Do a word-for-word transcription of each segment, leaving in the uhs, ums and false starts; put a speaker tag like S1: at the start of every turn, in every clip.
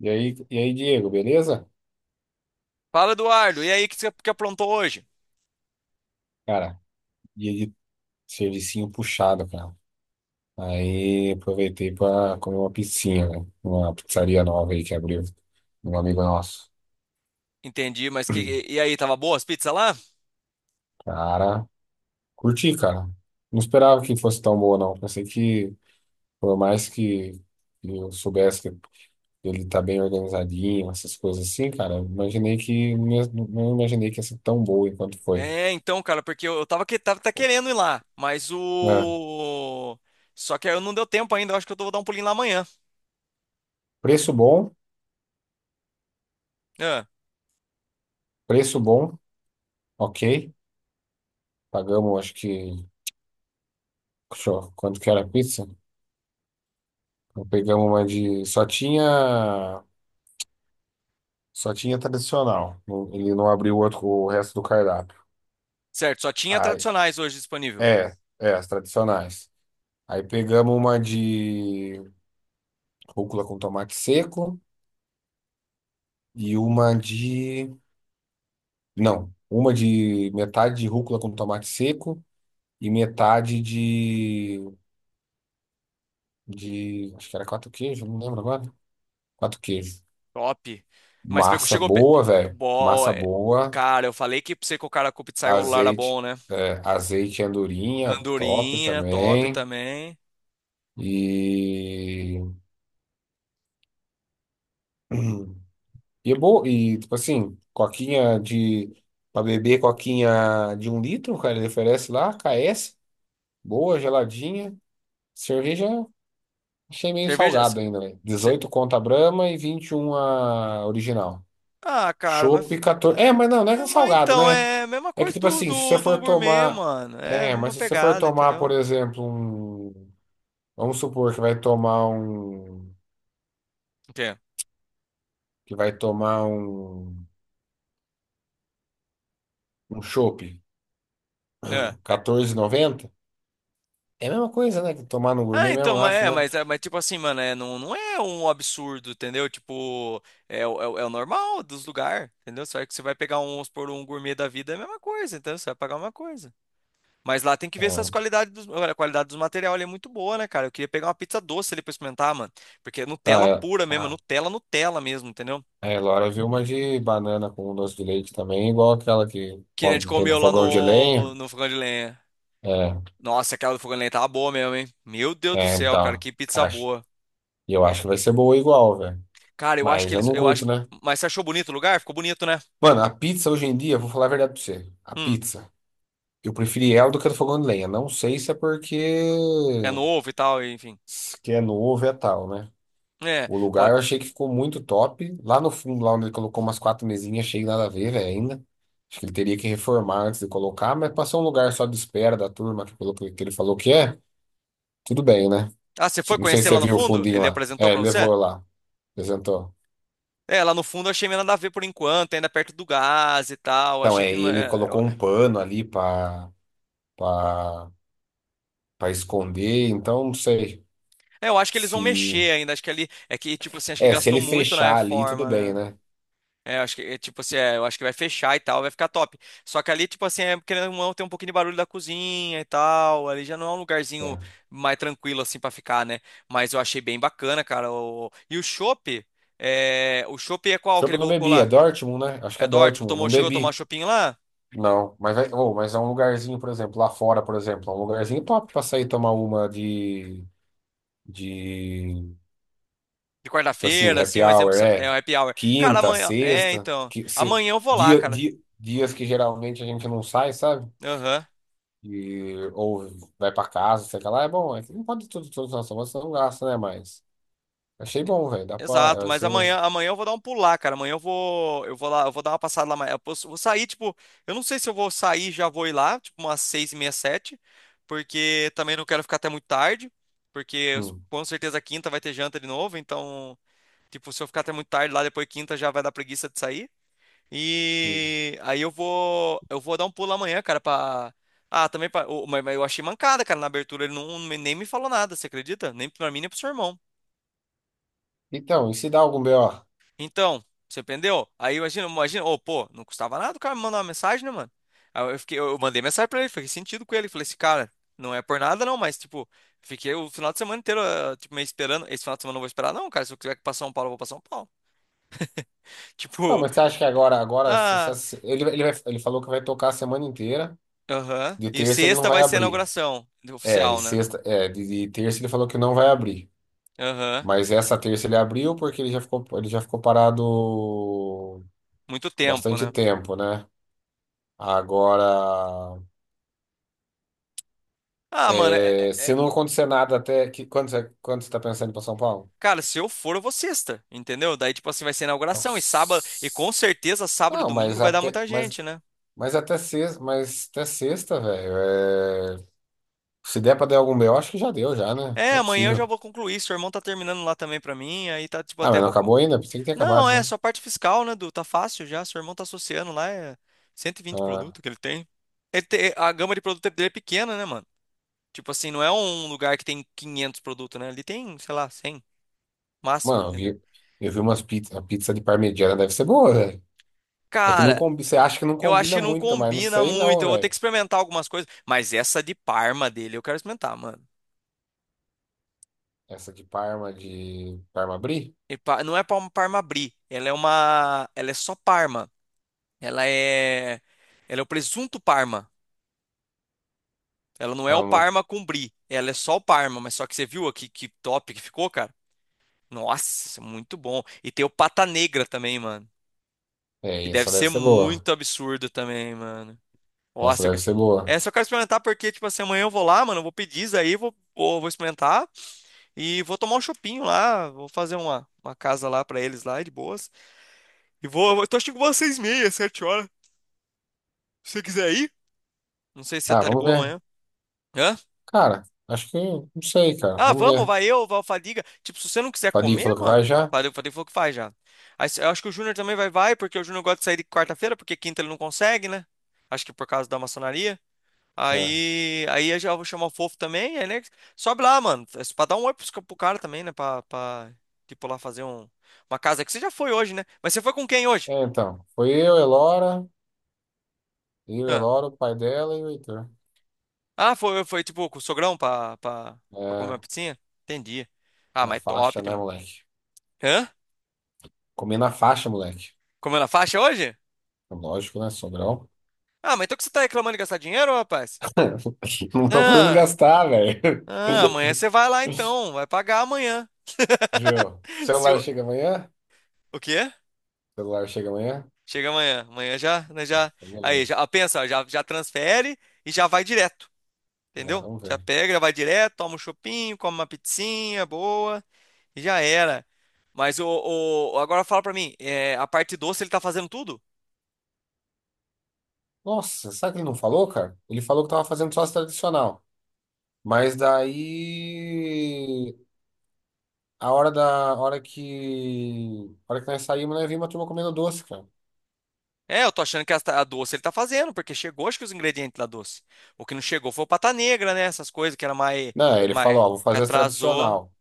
S1: E aí, e aí, Diego, beleza?
S2: Fala, Eduardo. E aí, o que você que aprontou hoje?
S1: Cara, dia de servicinho puxado, cara. Aí aproveitei pra comer uma pizzinha, né? Uma pizzaria nova aí que abriu, de um amigo nosso.
S2: Entendi, mas que e aí, tava boa as pizzas lá?
S1: Cara, curti, cara. Não esperava que fosse tão boa, não. Pensei que, por mais que eu soubesse que ele tá bem organizadinho, essas coisas assim, cara, eu imaginei que, não imaginei que ia ser tão boa enquanto foi.
S2: É, então, cara, porque eu, eu tava que tava tá querendo ir lá, mas
S1: É,
S2: o só que eu não deu tempo ainda, eu acho que eu vou dar um pulinho lá amanhã.
S1: preço bom,
S2: Ah,
S1: preço bom, ok. Pagamos, acho que. Show. Quanto que era a pizza? Então, pegamos uma de. Só tinha. Só tinha tradicional. Não- Ele não abriu o outro, o resto do cardápio.
S2: certo, só tinha
S1: Aí,
S2: tradicionais hoje disponível.
S1: é, é, as tradicionais. Aí pegamos uma de rúcula com tomate seco e uma de. Não, uma de metade de rúcula com tomate seco e metade de. de. Acho que era quatro queijos, não lembro agora. Quatro queijos.
S2: Top. Mas pegou,
S1: Massa
S2: chegou pe-
S1: boa, velho.
S2: Bo...
S1: Massa
S2: é,
S1: boa.
S2: Cara, eu falei que pra você que o cara com o pizzaiolo lá era
S1: Azeite,
S2: bom, né?
S1: é, azeite e andorinha, top
S2: Andorinha, top
S1: também.
S2: também.
S1: E, e é bom, e tipo assim, coquinha de para beber, coquinha de um litro, cara, ele oferece lá, K S, boa, geladinha. Cerveja, achei meio
S2: Cerveja,
S1: salgado ainda, velho. dezoito conto a Brahma e vinte e um a original.
S2: Ah, cara, mas.
S1: Chopp quatorze. É, mas não, não é
S2: É,
S1: que
S2: é,
S1: é
S2: mas
S1: salgado,
S2: então,
S1: né?
S2: é a mesma
S1: É que
S2: coisa
S1: tipo
S2: do,
S1: assim, se você
S2: do, do
S1: for
S2: gourmet,
S1: tomar,
S2: mano. É a
S1: é,
S2: mesma
S1: mas se você for
S2: pegada,
S1: tomar, por
S2: entendeu?
S1: exemplo, um vamos supor que vai tomar um
S2: O quê?
S1: que vai tomar um um chopp
S2: É.
S1: quatorze e noventa. É a mesma coisa, né? Que tomar no
S2: Ah,
S1: gourmet mesmo,
S2: então,
S1: eu
S2: mas
S1: acho,
S2: é,
S1: né?
S2: mas, é, mas tipo assim, mano, é, não, não é um absurdo, entendeu? Tipo, é, o- é, o é o normal dos lugares, entendeu? Só que você vai pegar um, vamos supor, um gourmet da vida, é a mesma coisa, entendeu? Você vai pagar uma coisa. Mas lá tem que
S1: É,
S2: ver se as qualidades dos, olha, a qualidade dos materiais ali é muito boa, né, cara? Eu queria pegar uma pizza doce ali pra experimentar, mano. Porque é
S1: tá,
S2: Nutella
S1: é,
S2: pura mesmo, é
S1: ah,
S2: Nutella, Nutella mesmo, entendeu?
S1: é, Laura viu uma de banana com um doce de leite também, igual aquela que
S2: Que a gente
S1: come- tem no
S2: comeu lá
S1: fogão de
S2: no,
S1: lenha.
S2: no fogão de lenha.
S1: É,
S2: Nossa, aquela do fogão de lenha tava boa mesmo, hein? Meu Deus do
S1: é,
S2: céu, cara,
S1: então,
S2: que pizza
S1: acho,
S2: boa.
S1: e eu acho que vai ser boa igual, velho.
S2: Cara, eu acho
S1: Mas
S2: que
S1: eu
S2: eles.
S1: não
S2: Eu acho.
S1: curto,
S2: que-
S1: né?
S2: Mas você achou bonito o lugar? Ficou bonito, né?
S1: Mano, a pizza hoje em dia, vou falar a verdade pra você. A
S2: Hum,
S1: pizza, eu preferi ela do que a do fogão de lenha. Não sei se é porque
S2: é novo e tal, e enfim.
S1: s- que é novo é tal, né?
S2: É,
S1: O lugar
S2: pode.
S1: eu achei que ficou muito top. Lá no fundo, lá onde ele colocou umas quatro mesinhas, achei nada a ver, velho, ainda. Acho que ele teria que reformar antes de colocar, mas passou um lugar só de espera da turma que, colocou, que que ele falou que é. Tudo bem, né?
S2: Ah, você foi
S1: Não sei
S2: conhecer
S1: se
S2: lá
S1: você
S2: no
S1: viu o
S2: fundo?
S1: fundinho
S2: Ele
S1: lá.
S2: apresentou
S1: É,
S2: pra
S1: ele
S2: você?
S1: levou lá, apresentou.
S2: É, lá no fundo eu achei meio nada a ver por enquanto, ainda perto do gás e tal.
S1: Então,
S2: Achei que.
S1: é, e
S2: não
S1: ele
S2: É, eu
S1: colocou um pano ali para para esconder, então não sei
S2: é, eu acho que eles vão
S1: se...
S2: mexer ainda. Acho que ali. É que, tipo assim, acho que
S1: É, se
S2: gastou
S1: ele
S2: muito na
S1: fechar ali, tudo
S2: reforma,
S1: bem,
S2: né?
S1: né?
S2: É, eu acho que, é, tipo assim, é, eu acho que vai fechar e tal, vai ficar top. Só que ali, tipo assim, é, querendo ou não, tem um pouquinho de barulho da cozinha e tal. Ali já não é um lugarzinho
S1: É.
S2: mais tranquilo, assim, pra ficar, né? Mas eu achei bem bacana, cara. o- E o chopp, é... o chopp é qual que
S1: Desculpa,
S2: ele
S1: eu não
S2: colocou
S1: bebi, é
S2: lá?
S1: Dortmund, né? Acho que é
S2: É do tipo
S1: Dortmund, não
S2: tomou, chegou a tomar
S1: bebi.
S2: chopinho lá?
S1: Não, mas, vai- ô, mas é um lugarzinho, por exemplo, lá fora, por exemplo, é um lugarzinho top pra sair tomar uma de, de,
S2: De
S1: tipo assim,
S2: quarta-feira, assim,
S1: happy
S2: um exemplo,
S1: hour, é
S2: é o happy hour. Cara,
S1: quinta,
S2: amanhã, é,
S1: sexta,
S2: então,
S1: que, se-
S2: amanhã eu vou lá,
S1: dia,
S2: cara.
S1: dia- dias que geralmente a gente não sai, sabe?
S2: Aham.
S1: E, ou vai pra casa, sei lá, é bom, é que não pode tudo, tudo, nossa, você não gasta, né? Mas achei bom, velho, dá
S2: Exato,
S1: pra,
S2: mas
S1: assim, né?
S2: amanhã, amanhã eu vou dar um pulo lá, cara. Amanhã eu vou, eu vou lá, eu vou dar uma passada lá amanhã. Eu posso- vou sair, tipo, eu não sei se eu vou sair, já vou ir lá, tipo, umas seis e meia, sete, porque também não quero ficar até muito tarde, porque eu-
S1: Hum,
S2: com certeza quinta vai ter janta de novo, então, tipo, se eu ficar até muito tarde lá, depois quinta já vai dar preguiça de sair.
S1: hum.
S2: E aí eu vou, eu vou dar um pulo amanhã, cara, pra... Ah, também pra... o- Mas mas eu achei mancada, cara, na abertura, ele não, nem me falou nada, você acredita? Nem pra mim, nem pro seu irmão.
S1: Então, e se dá algum B O?
S2: Então, você entendeu? Aí imagina, imagina, ô, pô, não custava nada o cara me mandar uma mensagem, né, mano? Aí eu fiquei, eu mandei mensagem pra ele, fiquei sentido com ele, falei assim, cara, não é por nada não, mas tipo, fiquei o final de semana inteiro, ah, tipo, meio esperando, esse final de semana eu não vou esperar não, cara, se eu tiver que ir pra São Paulo, eu vou pra São Paulo.
S1: Não,
S2: Tipo,
S1: mas você acha que agora, agora, se-
S2: ah,
S1: se- se- ele, ele, vai- ele falou que vai tocar a semana inteira.
S2: aham.
S1: De
S2: E
S1: terça ele não
S2: sexta
S1: vai
S2: vai ser a
S1: abrir.
S2: inauguração
S1: É, e
S2: oficial, né?
S1: sexta, é, de, de terça ele falou que não vai abrir.
S2: Aham.
S1: Mas essa terça ele abriu porque ele já ficou, ele já ficou parado
S2: Muito tempo,
S1: bastante
S2: né?
S1: tempo, né? Agora,
S2: Ah, mano, é, é-
S1: é, se
S2: é-
S1: não acontecer nada até que quando você, quando você está pensando para São Paulo?
S2: Cara, se eu for, eu vou sexta, entendeu? Daí, tipo assim, vai ser a inauguração e sábado, e com
S1: Nossa.
S2: certeza sábado e
S1: Não,
S2: domingo
S1: mas
S2: vai dar
S1: até,
S2: muita
S1: mas,
S2: gente, né?
S1: mas até sexta, mas até sexta, velho. É, se der para dar algum B O, acho que já deu já, né?
S2: É,
S1: Não é
S2: amanhã eu já
S1: possível.
S2: vou concluir. Seu irmão tá terminando lá também pra mim, aí tá tipo
S1: Ah,
S2: até
S1: mas não
S2: vou. Co-
S1: acabou ainda? Pensei que tinha acabado
S2: Não, é
S1: já.
S2: só parte fiscal, né, Du? Tá fácil já. Seu irmão tá associando lá, é cento e vinte
S1: Ah.
S2: produtos que ele tem. Ele te- A gama de produto dele é pequena, né, mano? Tipo assim, não é um lugar que tem quinhentos produtos, né? Ele tem, sei lá, cem máximo,
S1: Mano, eu
S2: entendeu?
S1: vi, eu vi umas pizzas. A pizza de parmegiana deve ser boa, velho. É que não
S2: Cara,
S1: combi, você acha que não
S2: eu acho
S1: combina
S2: que não
S1: muito, mas não
S2: combina
S1: sei
S2: muito.
S1: não,
S2: Eu vou ter que
S1: velho.
S2: experimentar algumas coisas, mas essa de Parma dele eu quero experimentar, mano.
S1: Essa de Parma, de Parma Brie?
S2: E pa- Não é pa- uma Parma Brie, ela é uma, ela é só Parma. Ela é, ela é o presunto Parma. Ela não é o
S1: Ela não-
S2: Parma com brie. Ela é só o Parma, mas só que você viu aqui que top que ficou, cara? Nossa, isso é muito bom. E tem o pata negra também, mano. Que
S1: É,
S2: deve
S1: essa deve
S2: ser
S1: ser boa.
S2: muito absurdo também, mano.
S1: Essa
S2: Nossa, eu
S1: deve
S2: quero...
S1: ser boa.
S2: É, só quero experimentar porque, tipo assim, amanhã eu vou lá, mano, eu vou pedir isso aí, vou, vou, vou experimentar e vou tomar um chopinho lá, vou fazer uma, uma casa lá pra eles lá, de boas. E vou, eu tô achando que vou às seis e meia, sete horas, se você quiser ir. Não sei se você
S1: Ah,
S2: tá de
S1: vamos
S2: boa
S1: ver.
S2: amanhã. Hã?
S1: Cara, acho que. Não sei, cara.
S2: Ah,
S1: Vamos
S2: vamos,
S1: ver.
S2: vai eu, vai o Fadiga. Tipo, se você não quiser
S1: Fadinho
S2: comer,
S1: falou que vai
S2: mano,
S1: já?
S2: Fadiga, o falei, falou que faz já. Aí, se- eu acho que o Júnior também vai, vai, porque o Júnior gosta de sair de quarta-feira, porque quinta ele não consegue, né? Acho que por causa da maçonaria.
S1: É.
S2: Aí, aí eu já vou chamar o Fofo também, aí, né? Sobe lá, mano. É pra dar um oi pros ca- pro cara também, né? Pra, pra, tipo, lá fazer um, uma casa. Que você já foi hoje, né? Mas você foi com quem hoje?
S1: É, então. Foi eu, Elora. Eu,
S2: Ah,
S1: Elora, o pai dela e o Heitor.
S2: Ah, foi, foi tipo com o sogrão pra, pra, pra comer uma
S1: É,
S2: pizzinha? Entendi. Ah,
S1: na
S2: mas
S1: faixa,
S2: top.
S1: né,
S2: dem-
S1: moleque?
S2: Hã?
S1: Comer na faixa, moleque.
S2: Comeu na faixa hoje?
S1: Lógico, né? Sobrão.
S2: Ah, mas então que você tá reclamando de gastar dinheiro, rapaz?
S1: Não estão podendo
S2: Ah,
S1: gastar, velho.
S2: ah, amanhã você vai lá então, vai pagar amanhã.
S1: Viu?
S2: Se
S1: Celular
S2: o...
S1: chega amanhã?
S2: O quê?
S1: Celular chega amanhã?
S2: Chega amanhã, amanhã já, né, já.
S1: Então,
S2: Aí, já ah,
S1: beleza.
S2: pensa, já, já transfere e já vai direto,
S1: É,
S2: entendeu?
S1: vamos
S2: Já
S1: ver.
S2: pega, já vai direto, toma um chopinho, come uma pizzinha boa e já era. Mas o, o- agora fala pra mim, é, a parte doce ele tá fazendo tudo?
S1: Nossa, sabe o que ele não falou, cara? Ele falou que tava fazendo sócio tradicional. Mas daí. A hora da. A hora que. A hora que nós saímos, nós vimos a turma comendo doce, cara.
S2: É, eu tô achando que a, a doce ele tá fazendo, porque chegou, acho que os ingredientes da doce. O que não chegou foi o pata negra, né? Essas coisas que era mais,
S1: Não, ele
S2: mais
S1: falou, ó, vou
S2: que
S1: fazer as
S2: atrasou.
S1: tradicional.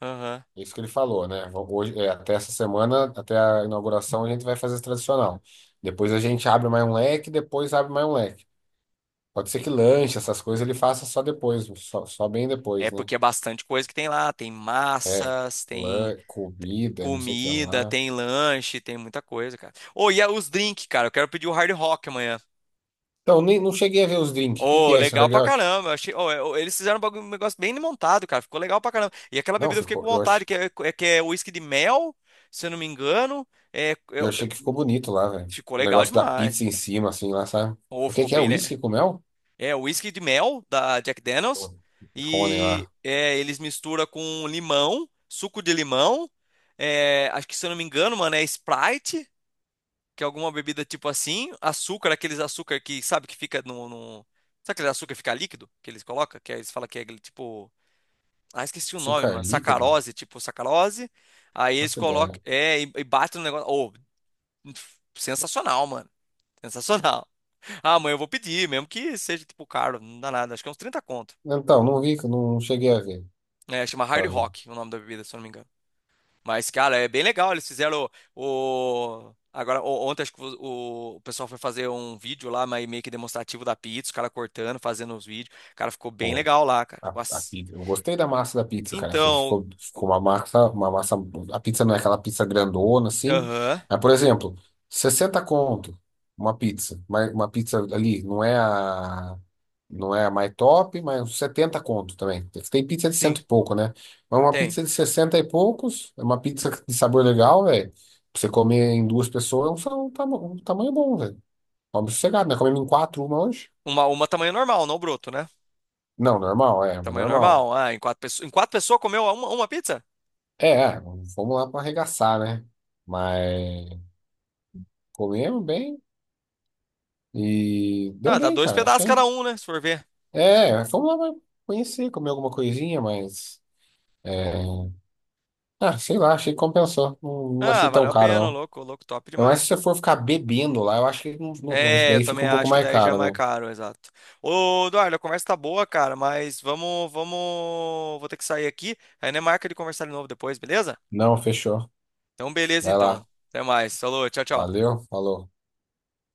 S2: Aham.
S1: Isso que ele falou, né? Hoje, é, até essa semana, até a inauguração, a gente vai fazer esse tradicional. Depois a gente abre mais um leque, depois abre mais um leque. Pode ser que lanche, essas coisas, ele faça só depois, só, só bem
S2: É
S1: depois, né?
S2: porque é bastante coisa que tem lá. Tem
S1: É,
S2: massas, tem
S1: lan, comida, não sei o que
S2: comida,
S1: lá.
S2: tem lanche, tem muita coisa, cara. Ô, e a- os drinks, cara. Eu quero pedir o Hard Rock amanhã.
S1: Então, nem, não cheguei a ver os drinks. O que que
S2: Ô,
S1: é esse
S2: legal
S1: Hard
S2: pra
S1: Rock?
S2: caramba. Eu Achei, ô, é, ô, eles fizeram um bagu- um negócio bem montado, cara. Ficou legal pra caramba. E aquela
S1: Não,
S2: bebida eu fiquei com
S1: ficou, eu,
S2: vontade,
S1: ach,
S2: que é, é, que é whisky de mel, se eu não me engano. É, é
S1: eu achei que ficou bonito lá, velho.
S2: Ficou
S1: O
S2: legal
S1: negócio da
S2: demais.
S1: pizza em cima, assim, lá, sabe?
S2: Ou
S1: O que
S2: ficou
S1: que é?
S2: bem. le-
S1: Whisky com mel?
S2: É, o whisky de mel da Jack Daniels.
S1: Pô, Rony
S2: E
S1: lá.
S2: é, eles misturam com limão, suco de limão. É, acho que se eu não me engano, mano, é Sprite, que é alguma bebida tipo assim. Açúcar, aqueles açúcar que, sabe, que fica no, no- Sabe aquele açúcar que fica líquido? Que eles colocam? Que aí eles falam que é aquele tipo. Ah, esqueci o nome,
S1: Açúcar
S2: mano.
S1: líquido?
S2: Sacarose, tipo sacarose. Aí eles
S1: Nossa
S2: colocam.
S1: ideia.
S2: É, e, e batem no negócio. Oh, sensacional, mano. Sensacional. Ah, amanhã eu vou pedir, mesmo que seja tipo caro, não dá nada. Acho que é uns trinta conto.
S1: Então, não vi, não cheguei a ver.
S2: É, chama Hard
S1: Pra ver
S2: Rock o nome da bebida, se eu não me engano. Mas, cara, é bem legal. Eles fizeram o. o- Agora, o- ontem acho que o, o pessoal foi fazer um vídeo lá, mas meio que demonstrativo da pizza, os caras cortando, fazendo os vídeos. Cara, ficou bem
S1: pô,
S2: legal lá, cara.
S1: a, a
S2: Nossa.
S1: pizza. Eu gostei da massa da pizza, cara. Achei que
S2: Então.
S1: ficou,
S2: o-
S1: ficou uma massa, uma massa. A pizza não é aquela pizza grandona, assim.
S2: Aham.
S1: Mas, por exemplo, sessenta conto uma pizza. Mas uma pizza ali, não é a. Não é a mais top, mas uns setenta conto também. Tem pizza de
S2: Sim,
S1: cento e pouco, né? Mas uma
S2: tem.
S1: pizza de sessenta e poucos, é uma pizza de sabor legal, velho. Pra você comer em duas pessoas, é um, sa- um tama- um tamanho bom, velho. Vamos sossegado, né? Comemos em quatro uma hoje.
S2: Uma, uma tamanho normal, não broto, né?
S1: Não, normal, é, mas
S2: Tamanho
S1: normal.
S2: normal. Ah, em quatro pessoas. Em quatro pessoas comeu uma, uma pizza?
S1: É, é, fomos lá pra arregaçar, né? Mas comemos bem e deu
S2: Ah, dá
S1: bem,
S2: dois
S1: cara,
S2: pedaços
S1: achei.
S2: cada um, né? Se for ver.
S1: É, fomos lá pra conhecer, comer alguma coisinha, mas. é, Ah, sei lá, achei que compensou. Não, não
S2: Ah,
S1: achei tão
S2: valeu a
S1: caro,
S2: pena, ô
S1: não.
S2: louco, ô louco, top
S1: Ainda mais
S2: demais.
S1: se você for ficar bebendo lá, eu acho que não, não- acho que
S2: É, eu
S1: daí fica
S2: também
S1: um pouco
S2: acho que
S1: mais
S2: daí já é mais
S1: caro, né?
S2: caro, exato. Ô, Eduardo, a conversa tá boa, cara, mas vamos, vamos, vou ter que sair aqui. Aí não é marca de conversar de novo depois, beleza?
S1: Não, fechou.
S2: Então, beleza
S1: Vai lá.
S2: então. Até mais. Falou, tchau, tchau.
S1: Valeu, falou.